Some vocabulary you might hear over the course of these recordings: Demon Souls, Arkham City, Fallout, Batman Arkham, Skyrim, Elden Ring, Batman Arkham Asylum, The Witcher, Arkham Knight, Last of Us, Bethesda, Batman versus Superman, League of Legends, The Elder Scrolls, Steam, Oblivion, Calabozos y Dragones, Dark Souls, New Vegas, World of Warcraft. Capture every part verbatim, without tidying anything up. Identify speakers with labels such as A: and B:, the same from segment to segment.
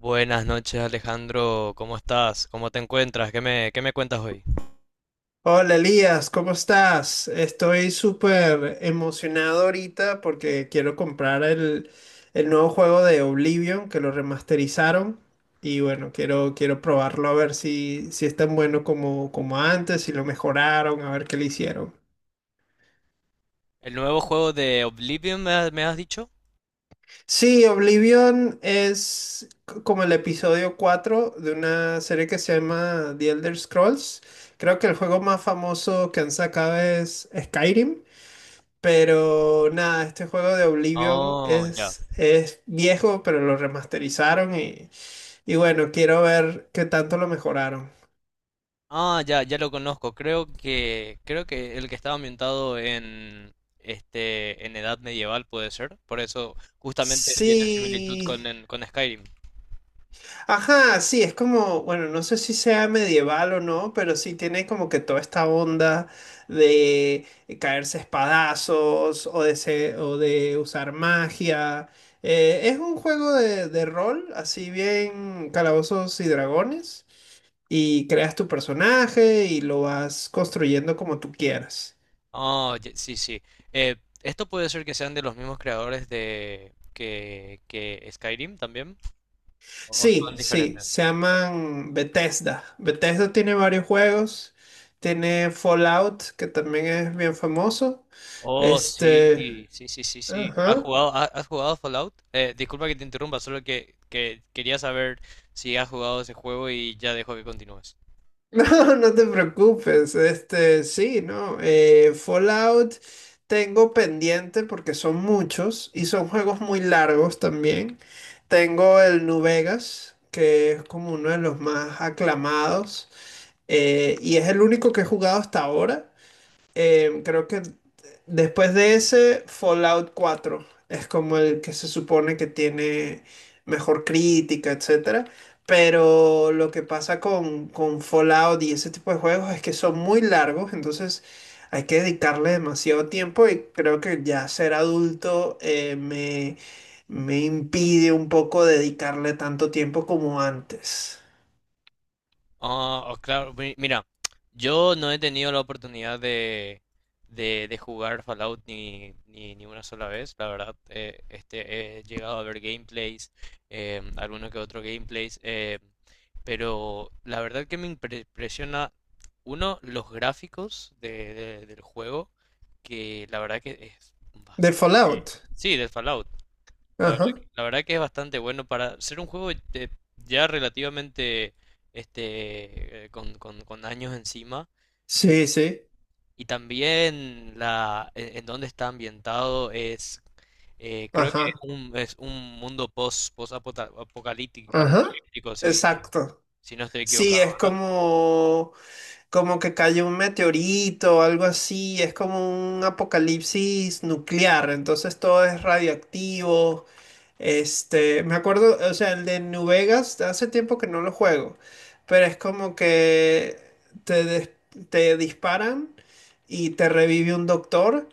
A: Buenas noches, Alejandro, ¿cómo estás? ¿Cómo te encuentras? ¿Qué me, qué me cuentas hoy?
B: Hola Elías, ¿cómo estás? Estoy súper emocionado ahorita porque quiero comprar el, el nuevo juego de Oblivion que lo remasterizaron y bueno, quiero, quiero probarlo a ver si, si es tan bueno como, como antes, si lo mejoraron, a ver qué le hicieron.
A: ¿El nuevo juego de Oblivion me, ha- me has dicho?
B: Sí, Oblivion es c- como el episodio cuatro de una serie que se llama The Elder Scrolls. Creo que el juego más famoso que han sacado es Skyrim. Pero nada, este juego de Oblivion
A: Oh, ya.
B: es, es viejo, pero lo remasterizaron y, y bueno, quiero ver qué tanto lo mejoraron.
A: Ah, ya, ya lo conozco. Creo que, creo que el que estaba ambientado en, este, en edad medieval puede ser. Por eso justamente tiene similitud
B: Sí.
A: con, en- con Skyrim.
B: Ajá, sí, es como, bueno, no sé si sea medieval o no, pero sí tiene como que toda esta onda de caerse a espadazos o de, se- o de usar magia. Eh, es un juego de, de rol, así bien calabozos y dragones. Y creas tu personaje y lo vas construyendo como tú quieras.
A: Oh, ya, sí, sí. Eh, Esto puede ser que sean de los mismos creadores de que, que Skyrim también. ¿O
B: Sí,
A: son
B: sí,
A: diferentes?
B: se llaman Bethesda. Bethesda tiene varios juegos. Tiene Fallout, que también es bien famoso.
A: Oh,
B: Este,
A: sí, sí, sí, sí, sí. ¿Has
B: ajá.
A: jugado, ha- has jugado Fallout? Eh, disculpa que te interrumpa, solo que, que quería saber si has jugado ese juego y ya dejo que continúes.
B: No, no te preocupes. Este, sí, no. eh, Fallout tengo pendiente porque son muchos y son juegos muy largos también. Tengo el New Vegas, que es como uno de los más aclamados. Eh, y es el único que he jugado hasta ahora. Eh, creo que después de ese, Fallout cuatro es como el que se supone que tiene mejor crítica, etcétera. Pero lo que pasa con, con Fallout y ese tipo de juegos es que son muy largos, entonces hay que dedicarle demasiado tiempo y creo que ya ser adulto eh, me, me impide un poco dedicarle tanto tiempo como antes.
A: Ah, oh, claro, mi- mira, yo no he tenido la oportunidad de, de, de jugar Fallout ni, ni, ni una sola vez, la verdad. Eh, este, he llegado a ver gameplays, eh, alguno que otro gameplays. Eh, pero la verdad que me impre- impresiona, uno, los gráficos de, de- del juego, que la verdad que es
B: De
A: bastante...
B: Fallout.
A: Sí, del Fallout. La verdad,
B: Ajá.
A: que la verdad que es bastante bueno para ser un juego de ya relativamente este eh, con, con- con años encima. eh,
B: Sí, sí,
A: y también la en, en dónde está ambientado es, eh, creo que es
B: ajá,
A: un, es un mundo post, post apocalíptico,
B: ajá,
A: apocalíptico, si
B: exacto.
A: si no estoy
B: Sí,
A: equivocado,
B: es
A: ¿verdad?
B: como, como que cae un meteorito o algo así, es como un apocalipsis nuclear, entonces todo es radioactivo. Este, me acuerdo, o sea, el de New Vegas, hace tiempo que no lo juego, pero es como que te, des- te disparan y te revive un doctor.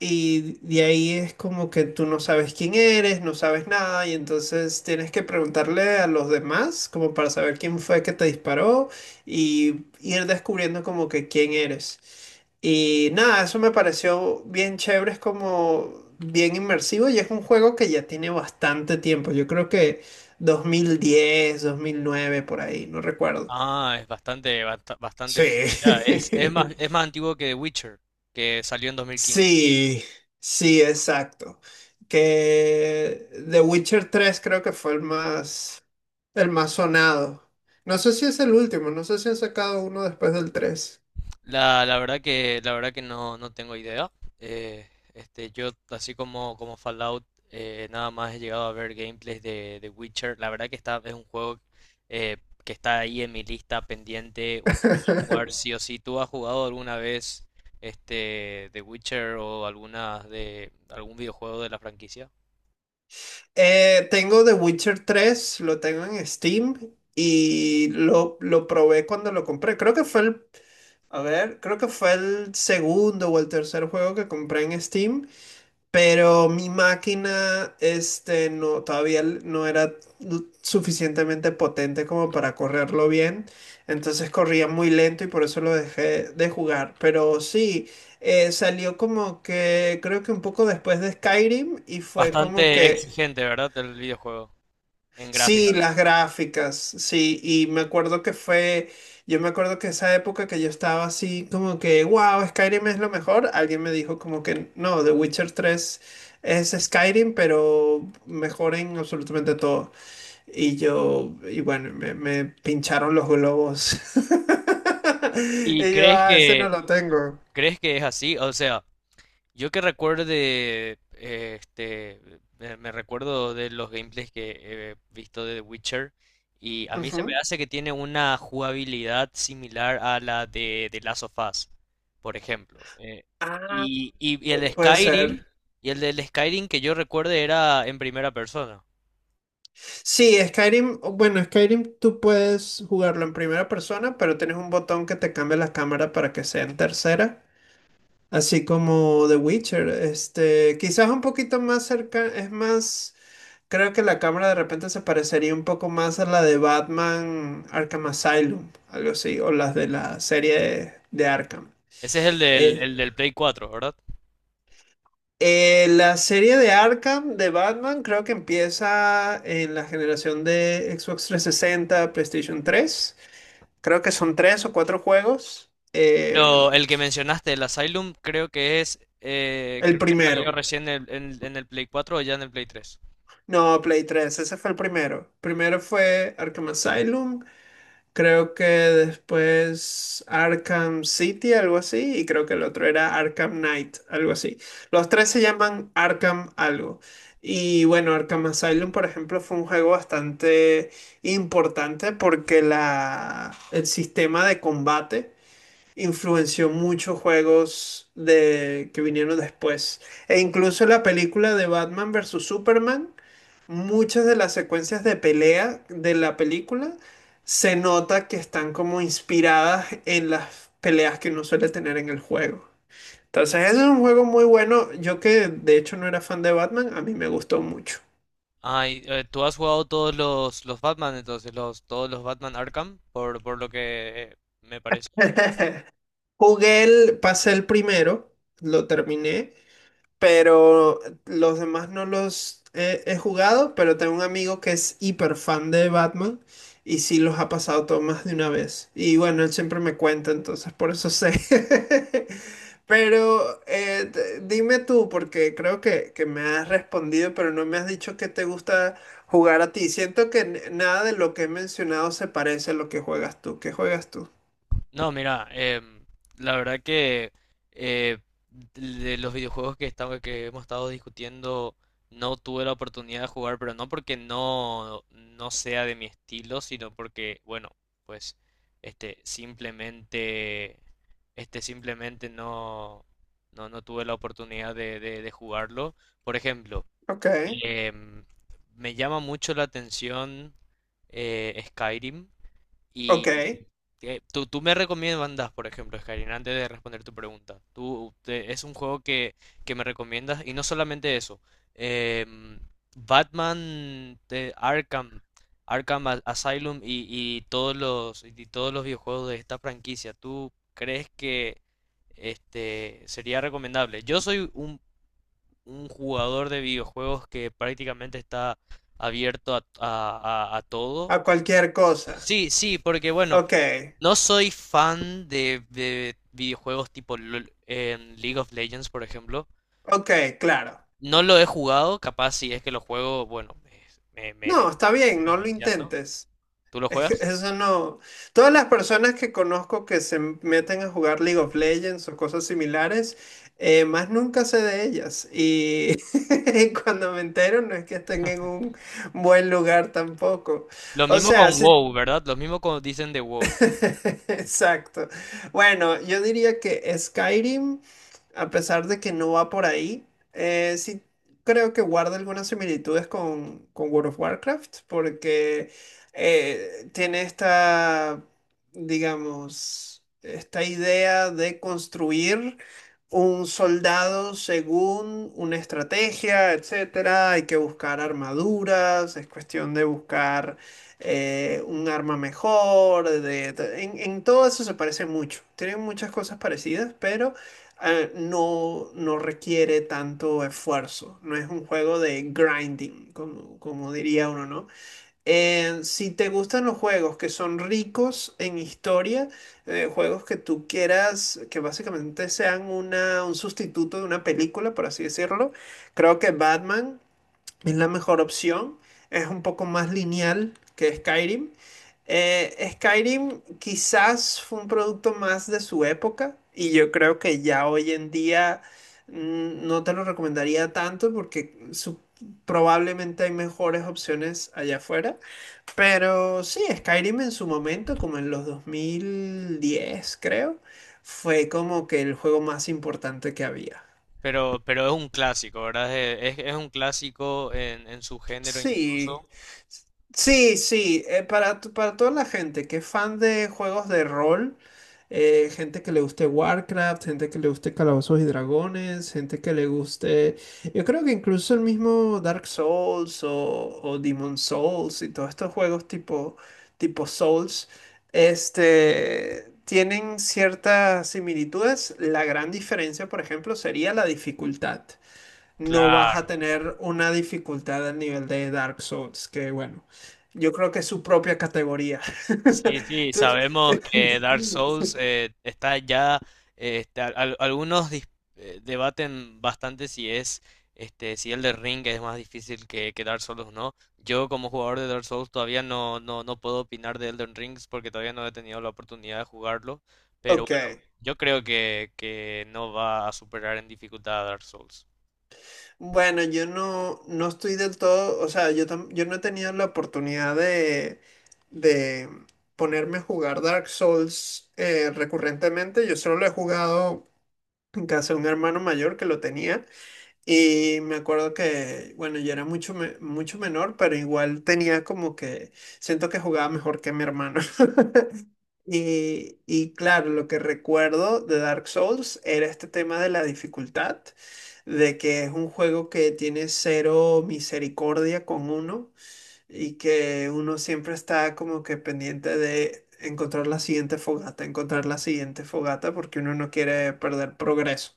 B: Y de ahí es como que tú no sabes quién eres, no sabes nada, y entonces tienes que preguntarle a los demás como para saber quién fue que te disparó y ir descubriendo como que quién eres. Y nada, eso me pareció bien chévere, es como bien inmersivo y es un juego que ya tiene bastante tiempo, yo creo que dos dos mil diez dos mil nueve por ahí, no recuerdo.
A: Ah, es bastante basta- bastante bien.
B: Sí.
A: Ya, es, es más es más antiguo que The Witcher, que salió en dos mil quince.
B: Sí, sí, exacto. Que The Witcher tres creo que fue el más, el más sonado. No sé si es el último, no sé si han sacado uno después del tres.
A: La, la verdad que, la verdad que no, no tengo idea. Eh, este, yo, así como, como Fallout, eh, nada más he llegado a ver gameplays de, de Witcher. La verdad que está, es un juego, eh, que está ahí en mi lista pendiente. Un juego a jugar sí o sí. ¿Tú has jugado alguna vez este, The Witcher o alguna de algún videojuego de la franquicia?
B: Eh, tengo The Witcher tres, lo tengo en Steam y lo, lo probé cuando lo compré. Creo que fue el, a ver, creo que fue el segundo o el tercer juego que compré en Steam. Pero mi máquina, este, no, todavía l- no era l- suficientemente potente como para correrlo bien. Entonces corría muy lento y por eso lo dejé de jugar. Pero sí, eh, salió como que, creo que un poco después de Skyrim y fue como
A: Bastante
B: que...
A: exigente, ¿verdad? El videojuego en gráfica.
B: Sí, las gráficas, sí, y me acuerdo que fue, yo me acuerdo que esa época que yo estaba así como que, wow, Skyrim es lo mejor, alguien me dijo como que no, The Witcher tres es Skyrim, pero mejor en absolutamente todo. Y yo, y bueno, me, me pincharon los globos.
A: ¿Y
B: Y yo,
A: crees
B: ah, ese no
A: que
B: lo tengo.
A: crees que es así? O sea, yo que recuerdo de, eh, este, me me recuerdo de los gameplays que he visto de The Witcher, y a mí
B: Ujú.
A: se me hace que tiene una jugabilidad similar a la de, de Last of Us, por ejemplo. Eh,
B: Ah,
A: y, y- y el de
B: pu- puede ser.
A: Skyrim, y el del Skyrim que yo recuerde era en primera persona.
B: Sí, Skyrim, bueno, Skyrim tú puedes jugarlo en primera persona, pero tienes un botón que te cambia la cámara para que sea en tercera, así como The Witcher. Este, quizás un poquito más cerca, es más, creo que la cámara de repente se parecería un poco más a la de Batman Arkham Asylum, algo así, o las de la serie de Arkham.
A: Ese es el del,
B: Eh,
A: el del Play cuatro, ¿verdad?
B: eh, la serie de Arkham de Batman creo que empieza en la generación de Xbox trescientos sesenta, PlayStation tres. Creo que son tres o cuatro juegos. Eh,
A: Pero el que mencionaste, el Asylum, creo que es, eh,
B: el
A: creo que salió
B: primero.
A: recién en, en- en el Play cuatro o ya en el Play tres.
B: No, Play tres, ese fue el primero. Primero fue Arkham Asylum, creo que después Arkham City, algo así, y creo que el otro era Arkham Knight, algo así. Los tres se llaman Arkham algo. Y bueno, Arkham Asylum, por ejemplo, fue un juego bastante importante porque la, el sistema de combate influenció muchos juegos de, que vinieron después. E incluso la película de Batman versus Superman, muchas de las secuencias de pelea de la película se nota que están como inspiradas en las peleas que uno suele tener en el juego. Entonces, ese es un juego muy bueno. Yo que de hecho no era fan de Batman, a mí me gustó mucho.
A: Ay, eh, ¿tú has jugado todos los, los Batman entonces, los, todos los Batman Arkham? Por, por lo que eh, me parece.
B: Jugué el, pasé el primero, lo terminé. Pero los demás no los he, he jugado, pero tengo un amigo que es hiper fan de Batman y sí los ha pasado todo más de una vez. Y bueno, él siempre me cuenta, entonces por eso sé. Pero eh, d- dime tú, porque creo que, que me has respondido, pero no me has dicho que te gusta jugar a ti. Siento que n- nada de lo que he mencionado se parece a lo que juegas tú. ¿Qué juegas tú?
A: No, mira, em, la verdad que, eh, de los videojuegos que, estamos, que hemos estado discutiendo, no tuve la oportunidad de jugar, pero no porque no, no sea de mi estilo, sino porque, bueno, pues este simplemente, este simplemente no, no, no tuve la oportunidad de de- de jugarlo. Por ejemplo.
B: Ok,
A: Em, Me llama mucho la atención, eh, Skyrim,
B: ok.
A: y, eh, tú, tú me recomiendas, por ejemplo, Skyrim, antes de responder tu pregunta. Tú te- es un juego que, que me recomiendas, y no solamente eso. em, Batman de Arkham, Arkham A- Asylum, y, y todos los, y todos los videojuegos de esta franquicia. ¿Tú crees que este sería recomendable? Yo soy un jugador de videojuegos que prácticamente está abierto a, a- a- a todo.
B: A cualquier cosa.
A: Sí, sí, porque bueno,
B: Ok,
A: no soy fan de, de videojuegos tipo LOL, en League of Legends, por ejemplo.
B: ok, claro.
A: No lo he jugado, capaz si es que lo juego, bueno, me, me,
B: No, está
A: me
B: bien,
A: termino
B: no lo
A: viciando.
B: intentes.
A: ¿Tú lo juegas?
B: Eso no. Todas las personas que conozco que se meten a jugar League of Legends o cosas similares, eh, más nunca sé de ellas. Y cuando me entero, no es que estén en un buen lugar tampoco.
A: Lo
B: O
A: mismo
B: sea,
A: con
B: si...
A: WoW, ¿verdad? Lo mismo como dicen de WoW.
B: Exacto. Bueno, yo diría que Skyrim, a pesar de que no va por ahí, eh, sí creo que guarda algunas similitudes con, con World of Warcraft, porque eh, tiene esta, digamos, esta idea de construir un soldado según una estrategia, etcétera. Hay que buscar armaduras, es cuestión de buscar eh, un arma mejor, de- de- en, en todo eso se parece mucho. Tienen muchas cosas parecidas, pero eh, no, no requiere tanto esfuerzo. No es un juego de grinding, como, como diría uno, ¿no? Eh, si te gustan los juegos que son ricos en historia, eh, juegos que tú quieras, que básicamente sean una, un sustituto de una película, por así decirlo, creo que Batman es la mejor opción. Es un poco más lineal que Skyrim. Eh, Skyrim quizás fue un producto más de su época y yo creo que ya hoy en día mm, no te lo recomendaría tanto porque su- probablemente hay mejores opciones allá afuera. Pero sí, Skyrim en su momento, como en los dos mil diez creo, fue como que el juego más importante que había.
A: Pero, pero es un clásico, ¿verdad? Es, es- es un clásico en, en su género.
B: Sí, sí, sí, eh, para, t- para toda la gente que es fan de juegos de rol, eh, gente que le guste Warcraft, gente que le guste Calabozos y Dragones, gente que le guste, yo creo que incluso el mismo Dark Souls o, o Demon Souls y todos estos juegos tipo, tipo Souls, este, tienen ciertas similitudes. La gran diferencia, por ejemplo, sería la dificultad. No vas a
A: Claro.
B: tener una dificultad al nivel de Dark Souls, que bueno, yo creo que es su propia categoría.
A: Sí, sí,
B: Tú-
A: sabemos que Dark Souls, eh, está ya, eh, este, al- al- algunos dis- eh, debaten bastante si es, este, si el de Ring es más difícil que, que Dark Souls, ¿o no? Yo, como jugador de Dark Souls, todavía no, no, no puedo opinar de Elden Rings, porque todavía no he tenido la oportunidad de jugarlo, pero
B: Ok,
A: bueno, yo creo que, que no va a superar en dificultad a Dark Souls.
B: bueno, yo no, no estoy del todo, o sea, yo, tam- yo no he tenido la oportunidad de, de ponerme a jugar Dark Souls eh, recurrentemente, yo solo lo he jugado en casa de un hermano mayor que lo tenía. Y me acuerdo que, bueno, yo era mucho, me- mucho menor, pero igual tenía como que, siento que jugaba mejor que mi hermano. Y, y claro, lo que recuerdo de Dark Souls era este tema de la dificultad, de que es un juego que tiene cero misericordia con uno y que uno siempre está como que pendiente de encontrar la siguiente fogata, encontrar la siguiente fogata porque uno no quiere perder progreso.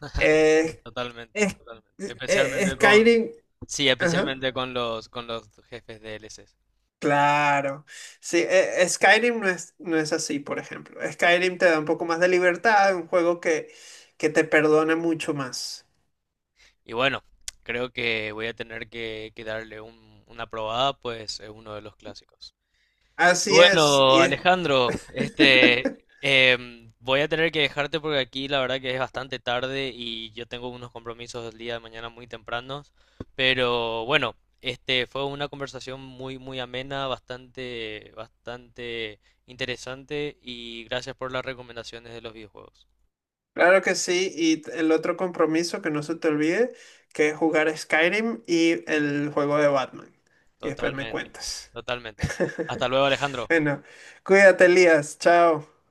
A: Sí,
B: Es
A: totalmente, totalmente.
B: es- eh,
A: Especialmente con,
B: Skyrim,
A: sí,
B: ajá,
A: especialmente con los, con los jefes D L Cs.
B: claro. Sí, eh, Skyrim no es, no es así, por ejemplo. Skyrim te da un poco más de libertad, un juego que, que te perdona mucho más.
A: Y bueno, creo que voy a tener que, que darle un- una probada, pues es uno de los clásicos. Y
B: Así es,
A: bueno,
B: y es-
A: Alejandro, este, em, voy a tener que dejarte porque aquí la verdad que es bastante tarde y yo tengo unos compromisos el día de mañana muy tempranos. Pero bueno, este, fue una conversación muy, muy amena, bastante, bastante interesante, y gracias por las recomendaciones de los videojuegos.
B: Claro que sí. Y t- el otro compromiso que no se te olvide, que es jugar Skyrim y el juego de Batman. Y después me
A: Totalmente,
B: cuentas.
A: totalmente. Hasta luego, Alejandro.
B: Bueno, cuídate, Elías. Chao.